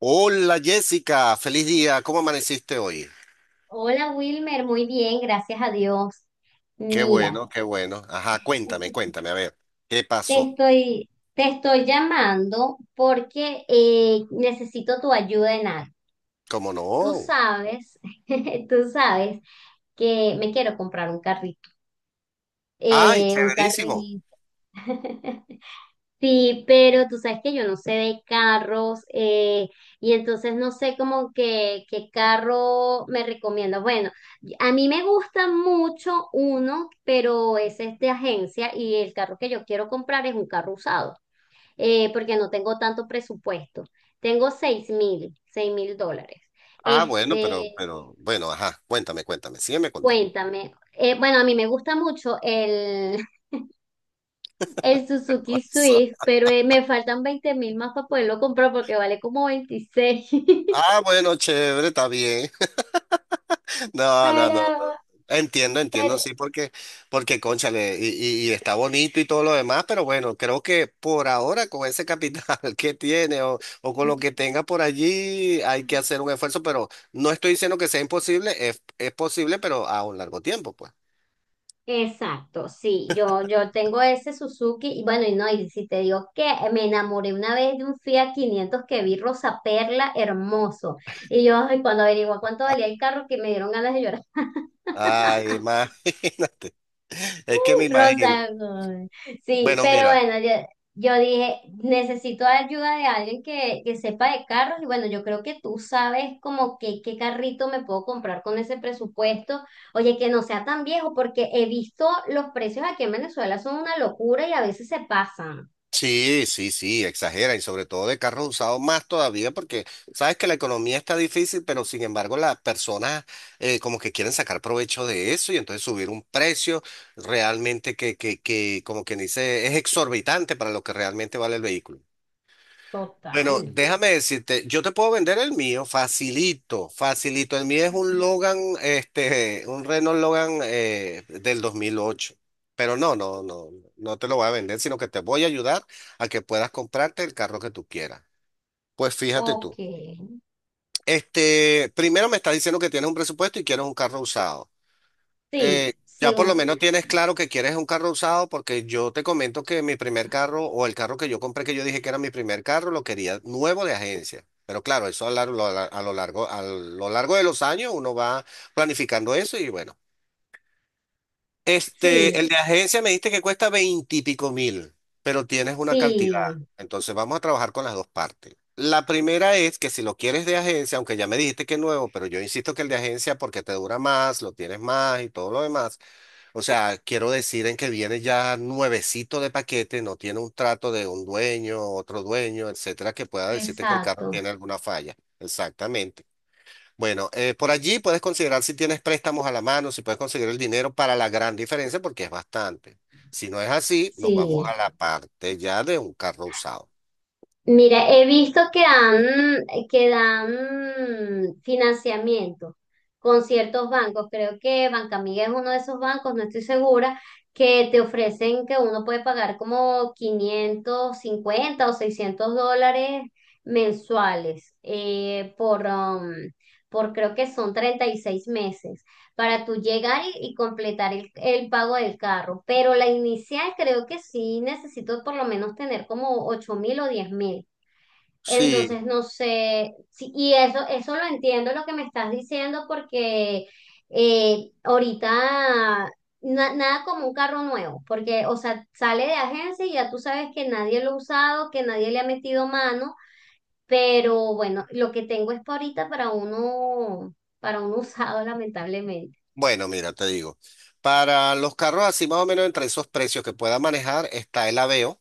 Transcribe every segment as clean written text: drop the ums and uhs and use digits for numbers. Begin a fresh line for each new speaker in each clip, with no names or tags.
Hola Jessica, feliz día, ¿cómo amaneciste hoy?
Hola Wilmer, muy bien, gracias a Dios.
Qué bueno,
Mira,
qué bueno. Ajá, cuéntame, cuéntame, a ver, ¿qué
te
pasó?
estoy, te estoy llamando porque necesito tu ayuda en algo.
¿Cómo
Tú
no?
sabes, tú sabes que me quiero comprar un carrito,
Ay,
eh, un
severísimo.
carrito. Sí, pero tú sabes que yo no sé de carros y entonces no sé como que qué carro me recomiendas. Bueno, a mí me gusta mucho uno, pero ese es de agencia y el carro que yo quiero comprar es un carro usado porque no tengo tanto presupuesto. Tengo seis mil dólares.
Ah, bueno, pero,
Este,
pero, bueno, ajá, cuéntame, cuéntame, sígueme contando.
cuéntame. Bueno, a mí me gusta mucho el Suzuki Swift, pero me faltan 20.000 más para poderlo comprar porque vale como 26.
Ah, bueno, chévere, está bien. No, no,
Pero,
no, no. Entiendo, entiendo,
pero-
sí, porque, porque, cónchale, y está bonito y todo lo demás, pero bueno, creo que por ahora con ese capital que tiene o con lo que tenga por allí hay que hacer un esfuerzo, pero no estoy diciendo que sea imposible, es posible, pero a un largo tiempo, pues.
exacto, sí, yo tengo ese Suzuki y bueno, y no, y si te digo que me enamoré una vez de un Fiat 500 que vi rosa perla hermoso. Y yo, ay, cuando averigué cuánto valía el carro, que me dieron ganas de llorar.
Ay, imagínate, es que me imagino.
Rosa Gold. Sí,
Bueno,
pero
mira.
bueno, yo dije, necesito ayuda de alguien que sepa de carros y bueno, yo creo que tú sabes como que qué carrito me puedo comprar con ese presupuesto. Oye, que no sea tan viejo porque he visto los precios aquí en Venezuela son una locura y a veces se pasan.
Sí, sí, sí, exagera y sobre todo de carros usados más todavía porque sabes que la economía está difícil, pero sin embargo las personas como que quieren sacar provecho de eso y entonces subir un precio realmente que como quien dice es exorbitante para lo que realmente vale el vehículo. Bueno,
Total.
déjame decirte, yo te puedo vender el mío, facilito, facilito. El mío es un Logan, este, un Renault Logan del 2008. Pero no, no, no, no te lo voy a vender, sino que te voy a ayudar a que puedas comprarte el carro que tú quieras. Pues fíjate
Ok.
tú, este, primero me estás diciendo que tienes un presupuesto y quieres un carro usado eh,
Sí, sí,
ya por lo menos tienes claro que quieres un carro usado porque yo te comento que mi primer carro o el carro que yo compré que yo dije que era mi primer carro lo quería nuevo de agencia. Pero claro, eso a lo largo de los años uno va planificando eso y bueno.
sí,
Este, el de agencia me dijiste que cuesta veintipico mil, pero tienes una cantidad.
sí,
Entonces vamos a trabajar con las dos partes. La primera es que si lo quieres de agencia, aunque ya me dijiste que es nuevo, pero yo insisto que el de agencia porque te dura más, lo tienes más y todo lo demás. O sea, quiero decir en que viene ya nuevecito de paquete, no tiene un trato de un dueño, otro dueño, etcétera, que pueda decirte que el carro
exacto.
tiene alguna falla. Exactamente. Bueno, por allí puedes considerar si tienes préstamos a la mano, si puedes conseguir el dinero para la gran diferencia, porque es bastante. Si no es así, nos vamos a
Sí.
la parte ya de un carro usado.
Mira, he visto que dan financiamiento con ciertos bancos. Creo que Bancamiga es uno de esos bancos, no estoy segura, que te ofrecen que uno puede pagar como 550 o $600 mensuales por creo que son 36 meses para tú llegar y completar el pago del carro. Pero la inicial creo que sí necesito por lo menos tener como 8.000 o 10.000.
Sí,
Entonces, no sé, sí, y eso lo entiendo lo que me estás diciendo porque ahorita nada como un carro nuevo, porque, o sea, sale de agencia y ya tú sabes que nadie lo ha usado, que nadie le ha metido mano, pero bueno, lo que tengo es para ahorita para uno usado, lamentablemente.
bueno, mira, te digo, para los carros así más o menos entre esos precios que pueda manejar está el Aveo.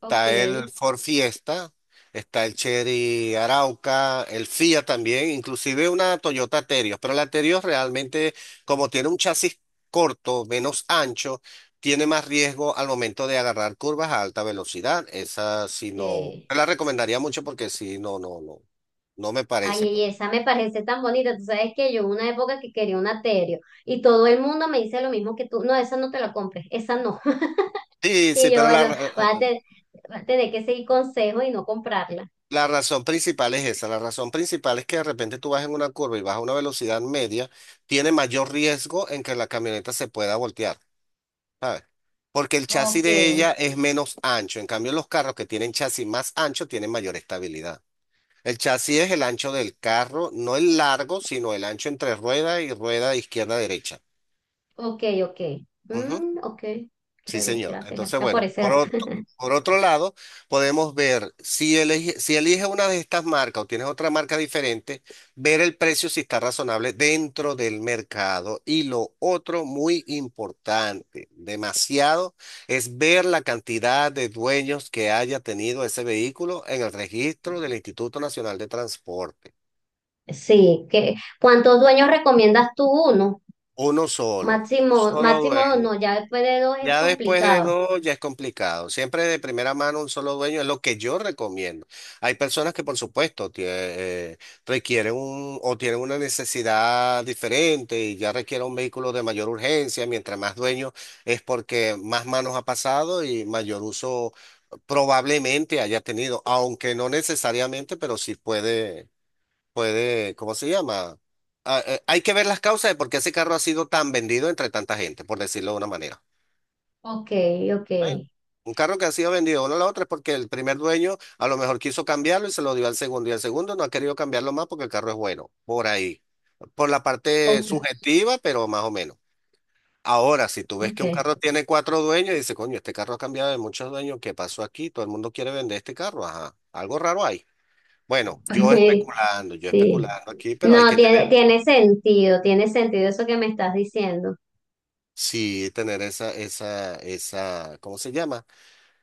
Ok,
el Ford Fiesta, está el Chery Arauca, el Fiat también, inclusive una Toyota Terios, pero la Terios realmente, como tiene un chasis corto, menos ancho, tiene más riesgo al momento de agarrar curvas a alta velocidad. Esa sí no,
ok.
no la recomendaría mucho porque sí, no, no, no, no me
Ay,
parece,
y
pues.
esa me parece tan bonita. Tú sabes que yo hubo una época que quería un aterio y todo el mundo me dice lo mismo que tú. No, esa no te la compres, esa no.
Sí,
Y
sí,
yo,
pero la,
bueno, voy a, te- voy a tener que seguir consejo y no comprarla.
La razón principal es esa, la razón principal es que de repente tú vas en una curva y vas a una velocidad media, tiene mayor riesgo en que la camioneta se pueda voltear, ¿sabes? Porque el chasis
Ok,
de ella es menos ancho, en cambio los carros que tienen chasis más ancho tienen mayor estabilidad. El chasis es el ancho del carro, no el largo, sino el ancho entre rueda y rueda izquierda-derecha.
ok, ok. Mm, ok,
Sí,
chévere,
señor.
gracias,
Entonces,
gracias por
bueno,
ese dato.
por otro lado, podemos ver si elige, si eliges una de estas marcas o tienes otra marca diferente, ver el precio si está razonable dentro del mercado. Y lo otro muy importante, demasiado, es ver la cantidad de dueños que haya tenido ese vehículo en el registro del Instituto Nacional de Transporte.
Sí, que ¿cuántos dueños recomiendas tú? Uno,
Uno solo, un
máximo,
solo
máximo dos,
dueño.
no, ya después de dos es
Ya después de
complicado.
dos ya es complicado. Siempre de primera mano un solo dueño es lo que yo recomiendo. Hay personas que por supuesto requieren un o tienen una necesidad diferente y ya requieren un vehículo de mayor urgencia. Mientras más dueños es porque más manos ha pasado y mayor uso probablemente haya tenido, aunque no necesariamente, pero sí puede, puede, ¿cómo se llama? Ah, hay que ver las causas de por qué ese carro ha sido tan vendido entre tanta gente, por decirlo de una manera.
Ok, ok,
¿Eh? Un carro que ha sido vendido uno a la otra es porque el primer dueño a lo mejor quiso cambiarlo y se lo dio al segundo y el segundo no ha querido cambiarlo más porque el carro es bueno, por ahí. Por la parte
ok,
subjetiva, pero más o menos. Ahora, si tú ves
ok.
que un carro tiene cuatro dueños y dices, coño, este carro ha cambiado de muchos dueños, ¿qué pasó aquí? Todo el mundo quiere vender este carro, ajá. Algo raro hay. Bueno,
Sí,
yo
sí.
especulando aquí, pero hay
No,
que tener,
tiene sentido, tiene sentido eso que me estás diciendo.
sí, tener esa, ¿cómo se llama?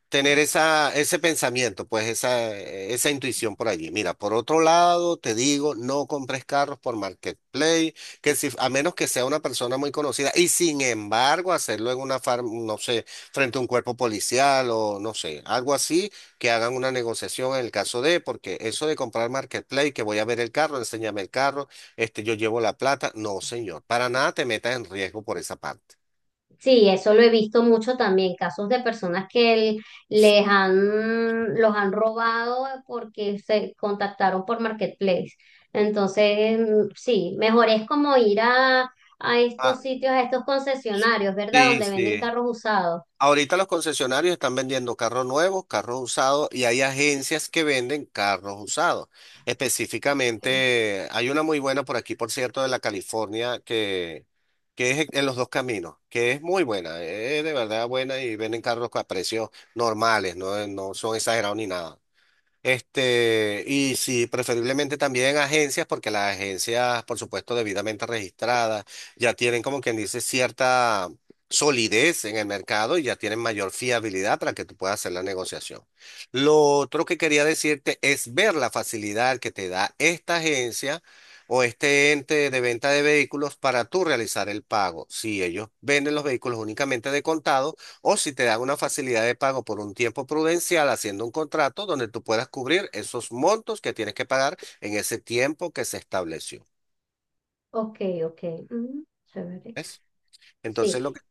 Tener esa, ese pensamiento, pues esa intuición por allí. Mira, por otro lado, te digo, no compres carros por Marketplace, que si, a menos que sea una persona muy conocida, y sin embargo, hacerlo en una farm, no sé, frente a un cuerpo policial o no sé, algo así, que hagan una negociación en el caso de, porque eso de comprar Marketplace, que voy a ver el carro, enséñame el carro, este, yo llevo la plata, no, señor, para nada te metas en riesgo por esa parte.
Sí, eso lo he visto mucho también, casos de personas que les han, los han robado porque se contactaron por Marketplace. Entonces, sí, mejor es como ir a
Ah,
estos sitios, a estos concesionarios, ¿verdad?
sí,
Donde venden
sí.
carros usados.
Ahorita los concesionarios están vendiendo carros nuevos, carros usados y hay agencias que venden carros usados.
Sí.
Específicamente, hay una muy buena por aquí, por cierto, de la California, que es en los dos caminos, que es muy buena, es de verdad buena y venden carros a precios normales, no, no son exagerados ni nada. Este, y sí, preferiblemente también agencias, porque las agencias, por supuesto, debidamente registradas, ya tienen como quien dice cierta solidez en el mercado y ya tienen mayor fiabilidad para que tú puedas hacer la negociación. Lo otro que quería decirte es ver la facilidad que te da esta agencia o este ente de venta de vehículos para tú realizar el pago. Si ellos venden los vehículos únicamente de contado, o si te dan una facilidad de pago por un tiempo prudencial haciendo un contrato donde tú puedas cubrir esos montos que tienes que pagar en ese tiempo que se estableció.
Ok, ok. Mm, chévere.
¿Ves?
Sí.
Entonces, lo que,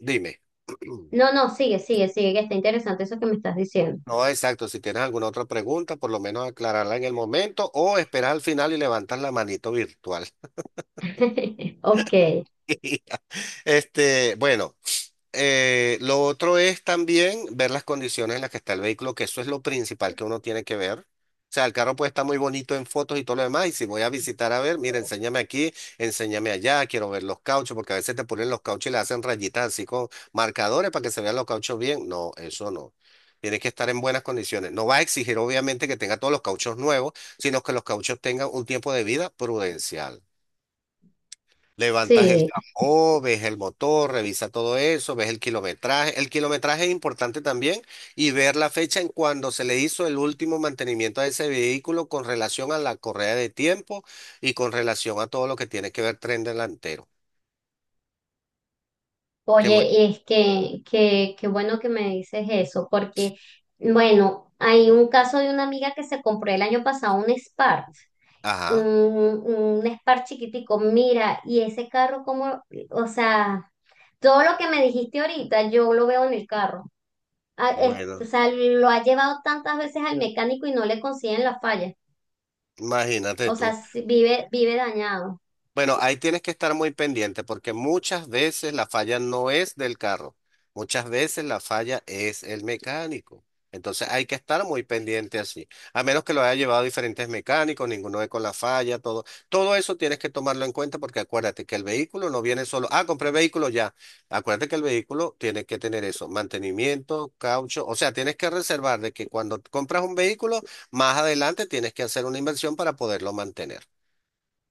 dime.
No, no, sigue, sigue, sigue, que está interesante eso que me estás diciendo.
No, exacto. Si tienes alguna otra pregunta, por lo menos aclararla en el momento o esperar al final y levantas la manito virtual.
Ok,
Este, bueno. Lo otro es también ver las condiciones en las que está el vehículo, que eso es lo principal que uno tiene que ver. O sea, el carro puede estar muy bonito en fotos y todo lo demás, y si voy a visitar a ver, mira, enséñame aquí, enséñame allá, quiero ver los cauchos, porque a veces te ponen los cauchos y le hacen rayitas así con marcadores para que se vean los cauchos bien. No, eso no. Tiene que estar en buenas condiciones. No va a exigir, obviamente, que tenga todos los cauchos nuevos, sino que los cauchos tengan un tiempo de vida prudencial. Levantas el
sí.
capó, ves el motor, revisa todo eso, ves el kilometraje. El kilometraje es importante también y ver la fecha en cuando se le hizo el último mantenimiento a ese vehículo con relación a la correa de tiempo y con relación a todo lo que tiene que ver tren delantero. Que muy...
Oye, y es qué bueno que me dices eso, porque, bueno, hay un caso de una amiga que se compró el año pasado un Spark, un,
Ajá,
un Spark chiquitico. Mira, y ese carro como, o sea, todo lo que me dijiste ahorita, yo lo veo en el carro. Ah, o
bueno,
sea, lo ha llevado tantas veces al mecánico y no le consiguen la falla.
imagínate
O sea,
tú.
sí, vive dañado.
Bueno, ahí tienes que estar muy pendiente porque muchas veces la falla no es del carro, muchas veces la falla es el mecánico. Entonces hay que estar muy pendiente así. A menos que lo haya llevado diferentes mecánicos, ninguno ve con la falla, todo. Todo eso tienes que tomarlo en cuenta porque acuérdate que el vehículo no viene solo. Ah, compré vehículo ya. Acuérdate que el vehículo tiene que tener eso, mantenimiento, caucho. O sea, tienes que reservar de que cuando compras un vehículo, más adelante tienes que hacer una inversión para poderlo mantener.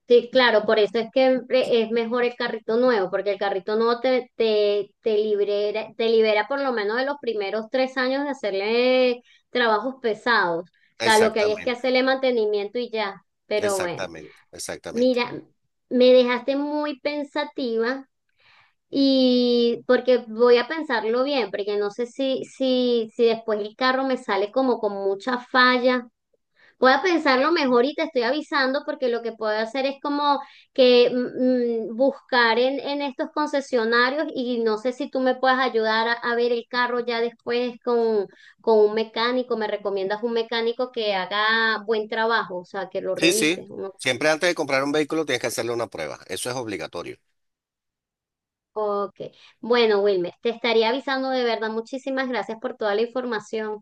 Sí, claro, por eso es que es mejor el carrito nuevo, porque el carrito nuevo te libera por lo menos de los primeros 3 años de hacerle trabajos pesados. O sea, lo que hay es que
Exactamente.
hacerle mantenimiento y ya. Pero bueno,
Exactamente, exactamente.
mira, me dejaste muy pensativa y porque voy a pensarlo bien, porque no sé si después el carro me sale como con mucha falla. Voy a pensarlo mejor y te estoy avisando porque lo que puedo hacer es como que buscar en estos concesionarios y no sé si tú me puedes ayudar a ver el carro ya después con un mecánico. ¿Me recomiendas un mecánico que haga buen trabajo? O sea, que lo
Sí,
revise,
sí.
¿no?
Siempre antes de comprar un vehículo tienes que hacerle una prueba. Eso es obligatorio.
Ok. Bueno, Wilmer, te estaría avisando de verdad. Muchísimas gracias por toda la información.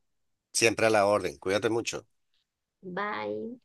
Siempre a la orden. Cuídate mucho.
Bye.